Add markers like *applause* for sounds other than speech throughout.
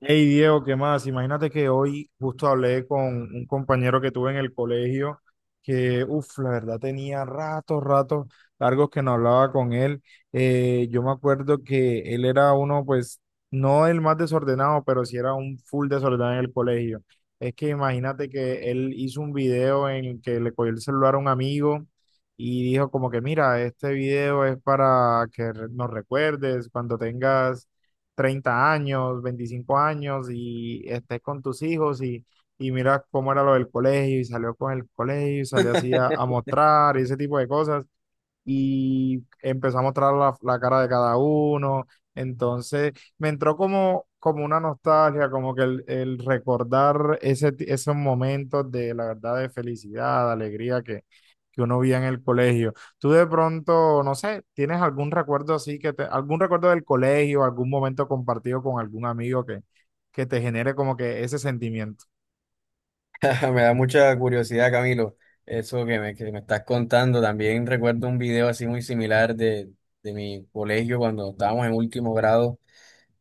Hey Diego, ¿qué más? Imagínate que hoy justo hablé con un compañero que tuve en el colegio que, uff, la verdad tenía ratos largos que no hablaba con él. Yo me acuerdo que él era uno, pues, no el más desordenado, pero sí era un full desordenado en el colegio. Es que imagínate que él hizo un video en el que le cogió el celular a un amigo y dijo como que, mira, este video es para que nos recuerdes cuando tengas 30 años, 25 años y estés con tus hijos y mira cómo era lo del colegio y salió con el colegio y salió así *laughs* a mostrar y ese tipo de cosas y empezó a mostrar la cara de cada uno. Entonces me entró como una nostalgia, como que el recordar esos momentos de la verdad de felicidad, de alegría que uno veía en el colegio. Tú de pronto, no sé, ¿tienes algún recuerdo así algún recuerdo del colegio, algún momento compartido con algún amigo que te genere como que ese sentimiento? Me da mucha curiosidad, Camilo, eso que me estás contando. También recuerdo un video así muy similar de mi colegio cuando estábamos en último grado.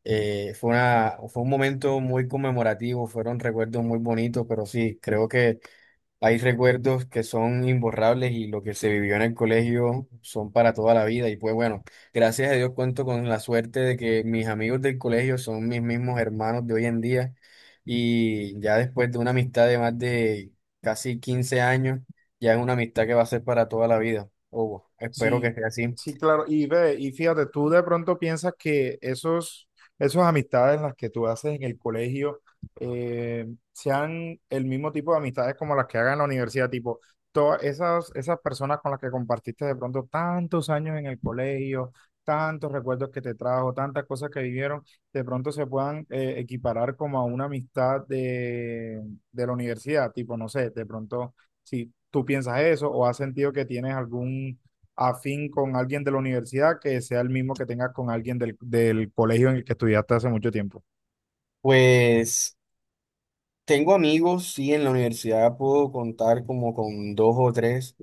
Fue un momento muy conmemorativo, fueron recuerdos muy bonitos, pero sí, creo que hay recuerdos que son imborrables y lo que se vivió en el colegio son para toda la vida. Y pues bueno, gracias a Dios cuento con la suerte de que mis amigos del colegio son mis mismos hermanos de hoy en día. Y ya después de una amistad de más de casi 15 años, ya es una amistad que va a ser para toda la vida. O espero Sí, que sea así. sí, claro. Y ve, y fíjate, tú de pronto piensas que esos amistades las que tú haces en el colegio eh, sean el mismo tipo de amistades como las que hagan en la universidad, tipo, todas esas personas con las que compartiste de pronto tantos años en el colegio, tantos recuerdos que te trajo, tantas cosas que vivieron, de pronto se puedan equiparar como a una amistad de la universidad, tipo, no sé, de pronto, si tú piensas eso o has sentido que tienes algún afín con alguien de la universidad que sea el mismo que tengas con alguien del colegio en el que estudiaste hace mucho tiempo. Pues tengo amigos, sí, en la universidad puedo contar como con dos o tres,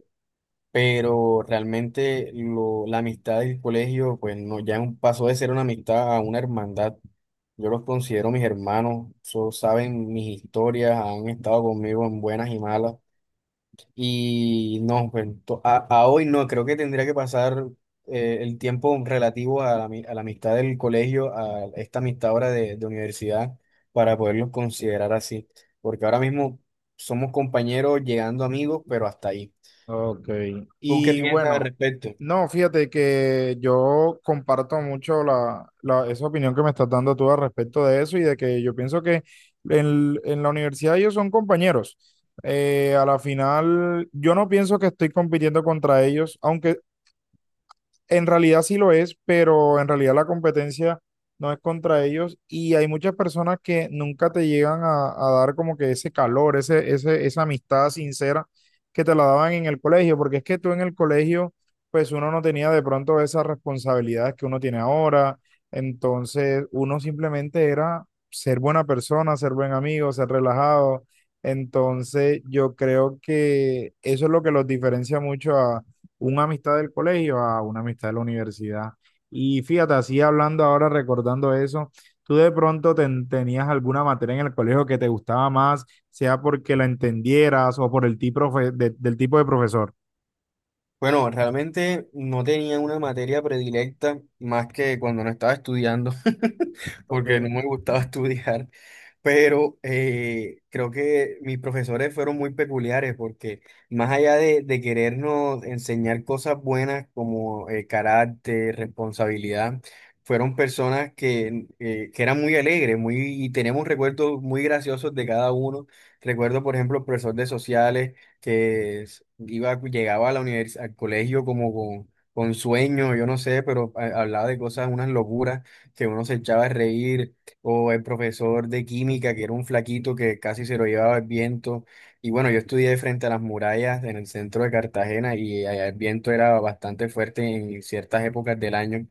pero realmente la amistad del colegio, pues no, pasó de ser una amistad a una hermandad. Yo los considero mis hermanos, saben mis historias, han estado conmigo en buenas y malas. Y no, pues a hoy no, creo que tendría que pasar el tiempo relativo a a la amistad del colegio, a esta amistad ahora de universidad, para poderlos considerar así. Porque ahora mismo somos compañeros llegando amigos, pero hasta ahí. Ok. ¿Tú qué Y piensas al bueno, respecto? no, fíjate que yo comparto mucho esa opinión que me estás dando tú al respecto de eso y de que yo pienso que en la universidad ellos son compañeros. A la final, yo no pienso que estoy compitiendo contra ellos, aunque en realidad sí lo es, pero en realidad la competencia no es contra ellos y hay muchas personas que nunca te llegan a dar como que ese calor, esa amistad sincera que te la daban en el colegio, porque es que tú en el colegio, pues uno no tenía de pronto esas responsabilidades que uno tiene ahora, entonces uno simplemente era ser buena persona, ser buen amigo, ser relajado, entonces yo creo que eso es lo que los diferencia mucho a una amistad del colegio a una amistad de la universidad. Y fíjate, así hablando ahora, recordando eso, tú de pronto tenías alguna materia en el colegio que te gustaba más, sea porque la entendieras o por el tipo de del tipo de profesor. Bueno, realmente no tenía una materia predilecta más que cuando no estaba estudiando, *laughs* porque no Ok, me gustaba *laughs* estudiar, pero creo que mis profesores fueron muy peculiares porque más allá de querernos enseñar cosas buenas como carácter, responsabilidad, fueron personas que eran muy alegres, muy, y tenemos recuerdos muy graciosos de cada uno. Recuerdo, por ejemplo, el profesor de sociales que llegaba a al colegio como con sueño, yo no sé, pero hablaba de cosas, unas locuras que uno se echaba a reír, o el profesor de química, que era un flaquito que casi se lo llevaba el viento. Y bueno, yo estudié frente a las murallas en el centro de Cartagena y allá el viento era bastante fuerte en ciertas épocas del año.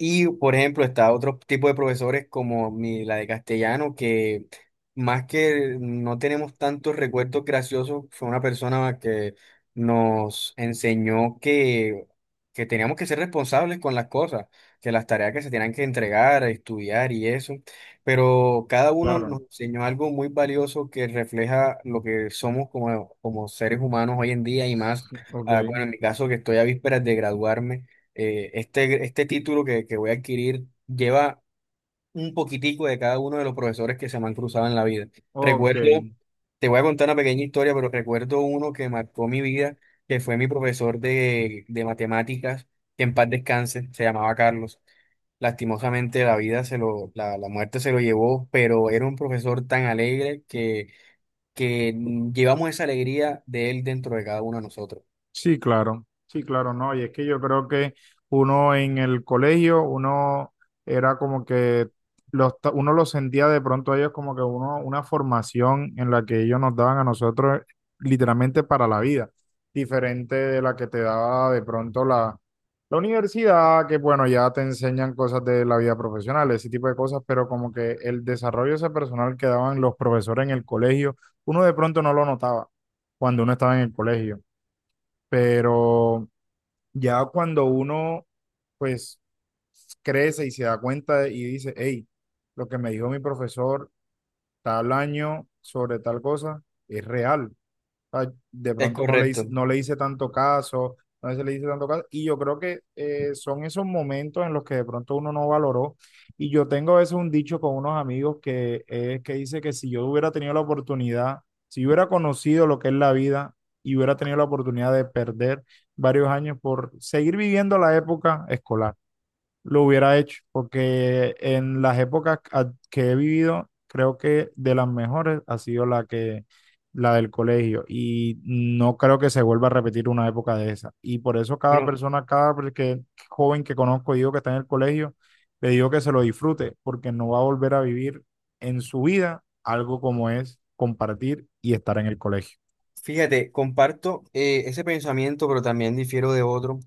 Y, por ejemplo, está otro tipo de profesores como la de castellano, que más que no tenemos tantos recuerdos graciosos, fue una persona que nos enseñó que teníamos que ser responsables con las cosas, que las tareas que se tenían que entregar, estudiar y eso. Pero cada uno claro. nos enseñó algo muy valioso que refleja lo que somos como seres humanos hoy en día y más, *laughs* Ok, ah, bueno, en mi caso que estoy a vísperas de graduarme este título que voy a adquirir lleva un poquitico de cada uno de los profesores que se me han cruzado en la vida. ok. Recuerdo, te voy a contar una pequeña historia, pero recuerdo uno que marcó mi vida, que fue mi profesor de matemáticas, que en paz descanse, se llamaba Carlos. Lastimosamente la muerte se lo llevó, pero era un profesor tan alegre que llevamos esa alegría de él dentro de cada uno de nosotros. Sí, claro, sí, claro, no, y es que yo creo que uno en el colegio, uno era como que uno los sentía de pronto a ellos como que uno, una formación en la que ellos nos daban a nosotros literalmente para la vida, diferente de la que te daba de pronto la universidad, que bueno, ya te enseñan cosas de la vida profesional, ese tipo de cosas, pero como que el desarrollo ese personal que daban los profesores en el colegio, uno de pronto no lo notaba cuando uno estaba en el colegio. Pero ya cuando uno, pues, crece y se da cuenta y dice, hey, lo que me dijo mi profesor tal año sobre tal cosa es real, sea, de Es pronto no le hice, correcto. no le hice tanto caso, no se le hice tanto caso. Y yo creo que son esos momentos en los que de pronto uno no valoró. Y yo tengo a veces un dicho con unos amigos que es que dice que si yo hubiera tenido la oportunidad, si yo hubiera conocido lo que es la vida y hubiera tenido la oportunidad de perder varios años por seguir viviendo la época escolar lo hubiera hecho, porque en las épocas que he vivido, creo que de las mejores ha sido la del colegio y no creo que se vuelva a repetir una época de esa. Y por eso cada Bueno, persona, joven que conozco, digo que está en el colegio, le digo que se lo disfrute, porque no va a volver a vivir en su vida algo como es compartir y estar en el colegio. fíjate, comparto ese pensamiento, pero también difiero de otro.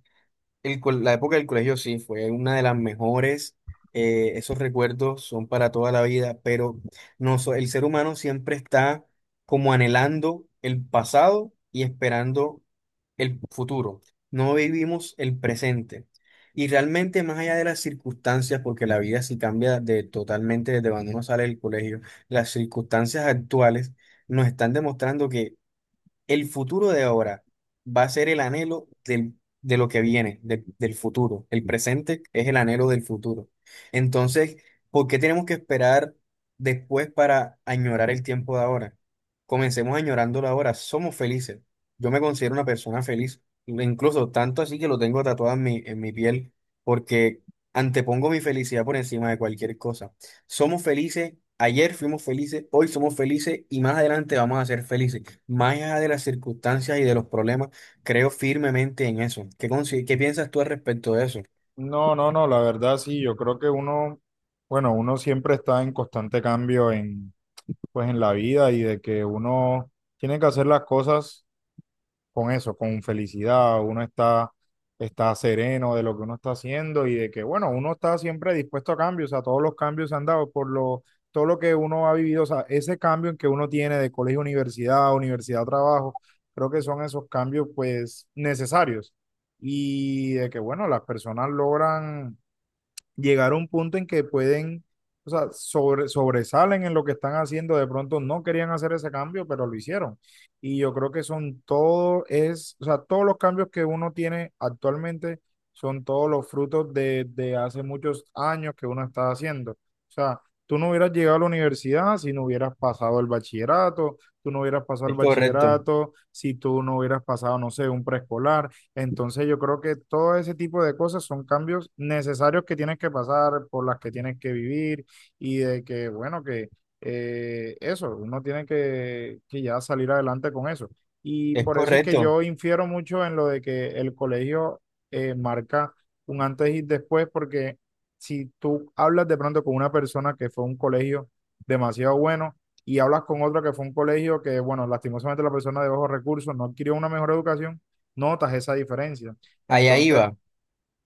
La época del colegio sí fue una de las mejores. Eh, esos recuerdos son para toda la vida, pero no, el ser humano siempre está como anhelando el pasado y esperando el futuro. No vivimos el presente. Y realmente más allá de las circunstancias, porque la vida sí cambia totalmente desde cuando uno sale del colegio, las circunstancias actuales nos están demostrando que el futuro de ahora va a ser de lo que viene, del futuro. El presente es el anhelo del futuro. Entonces, ¿por qué tenemos que esperar después para añorar el tiempo de ahora? Comencemos añorándolo ahora. Somos felices. Yo me considero una persona feliz, incluso tanto así que lo tengo tatuado en en mi piel, porque antepongo mi felicidad por encima de cualquier cosa. Somos felices. Ayer fuimos felices, hoy somos felices y más adelante vamos a ser felices. Más allá de las circunstancias y de los problemas, creo firmemente en eso. ¿ Qué piensas tú al respecto de eso? No, no, no, la verdad sí, yo creo que uno, bueno, uno siempre está en constante cambio en pues en la vida y de que uno tiene que hacer las cosas con eso, con felicidad, uno está sereno de lo que uno está haciendo y de que, bueno, uno está siempre dispuesto a cambios, a todos los cambios se han dado todo lo que uno ha vivido, o sea, ese cambio en que uno tiene de colegio a universidad, universidad a trabajo, creo que son esos cambios pues necesarios y de que, bueno, las personas logran llegar a un punto en que pueden, o sea, sobresalen en lo que están haciendo. De pronto no querían hacer ese cambio, pero lo hicieron. Y yo creo que son o sea, todos los cambios que uno tiene actualmente son todos los frutos de hace muchos años que uno está haciendo. O sea, tú no hubieras llegado a la universidad si no hubieras pasado el bachillerato, tú no hubieras pasado el Es correcto, bachillerato si tú no hubieras pasado, no sé, un preescolar. Entonces yo creo que todo ese tipo de cosas son cambios necesarios que tienes que pasar, por las que tienes que vivir y de que, bueno, que eso, uno tiene que, ya salir adelante con eso. Y es por eso es que correcto. yo infiero mucho en lo de que el colegio marca un antes y después, porque si tú hablas de pronto con una persona que fue a un colegio demasiado bueno y hablas con otro que fue a un colegio que, bueno, lastimosamente la persona de bajos recursos no adquirió una mejor educación, notas esa diferencia. Allá Entonces, iba.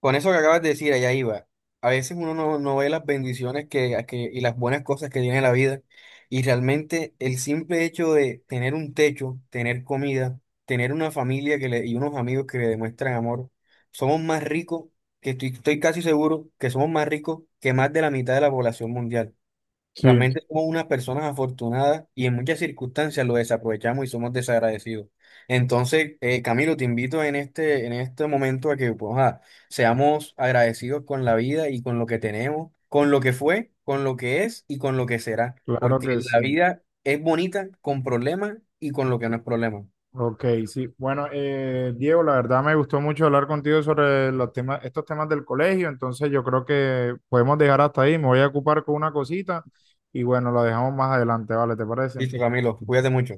Con eso que acabas de decir, allá iba. A veces uno no, no ve las bendiciones y las buenas cosas que tiene la vida. Y realmente el simple hecho de tener un techo, tener comida, tener una familia y unos amigos que le demuestran amor, somos más ricos, que estoy casi seguro que somos más ricos que más de la mitad de la población mundial. sí, Realmente somos unas personas afortunadas y en muchas circunstancias lo desaprovechamos y somos desagradecidos. Entonces, Camilo, te invito en en este momento a que pues, ah, seamos agradecidos con la vida y con lo que tenemos, con lo que fue, con lo que es y con lo que será. claro Porque que sí. la vida es bonita con problemas y con lo que no es problema. Ok, sí. Bueno, Diego, la verdad me gustó mucho hablar contigo sobre los temas, estos temas del colegio, entonces yo creo que podemos dejar hasta ahí. Me voy a ocupar con una cosita y bueno, lo dejamos más adelante, ¿vale? ¿Te parece? Listo, Camilo, cuídate mucho.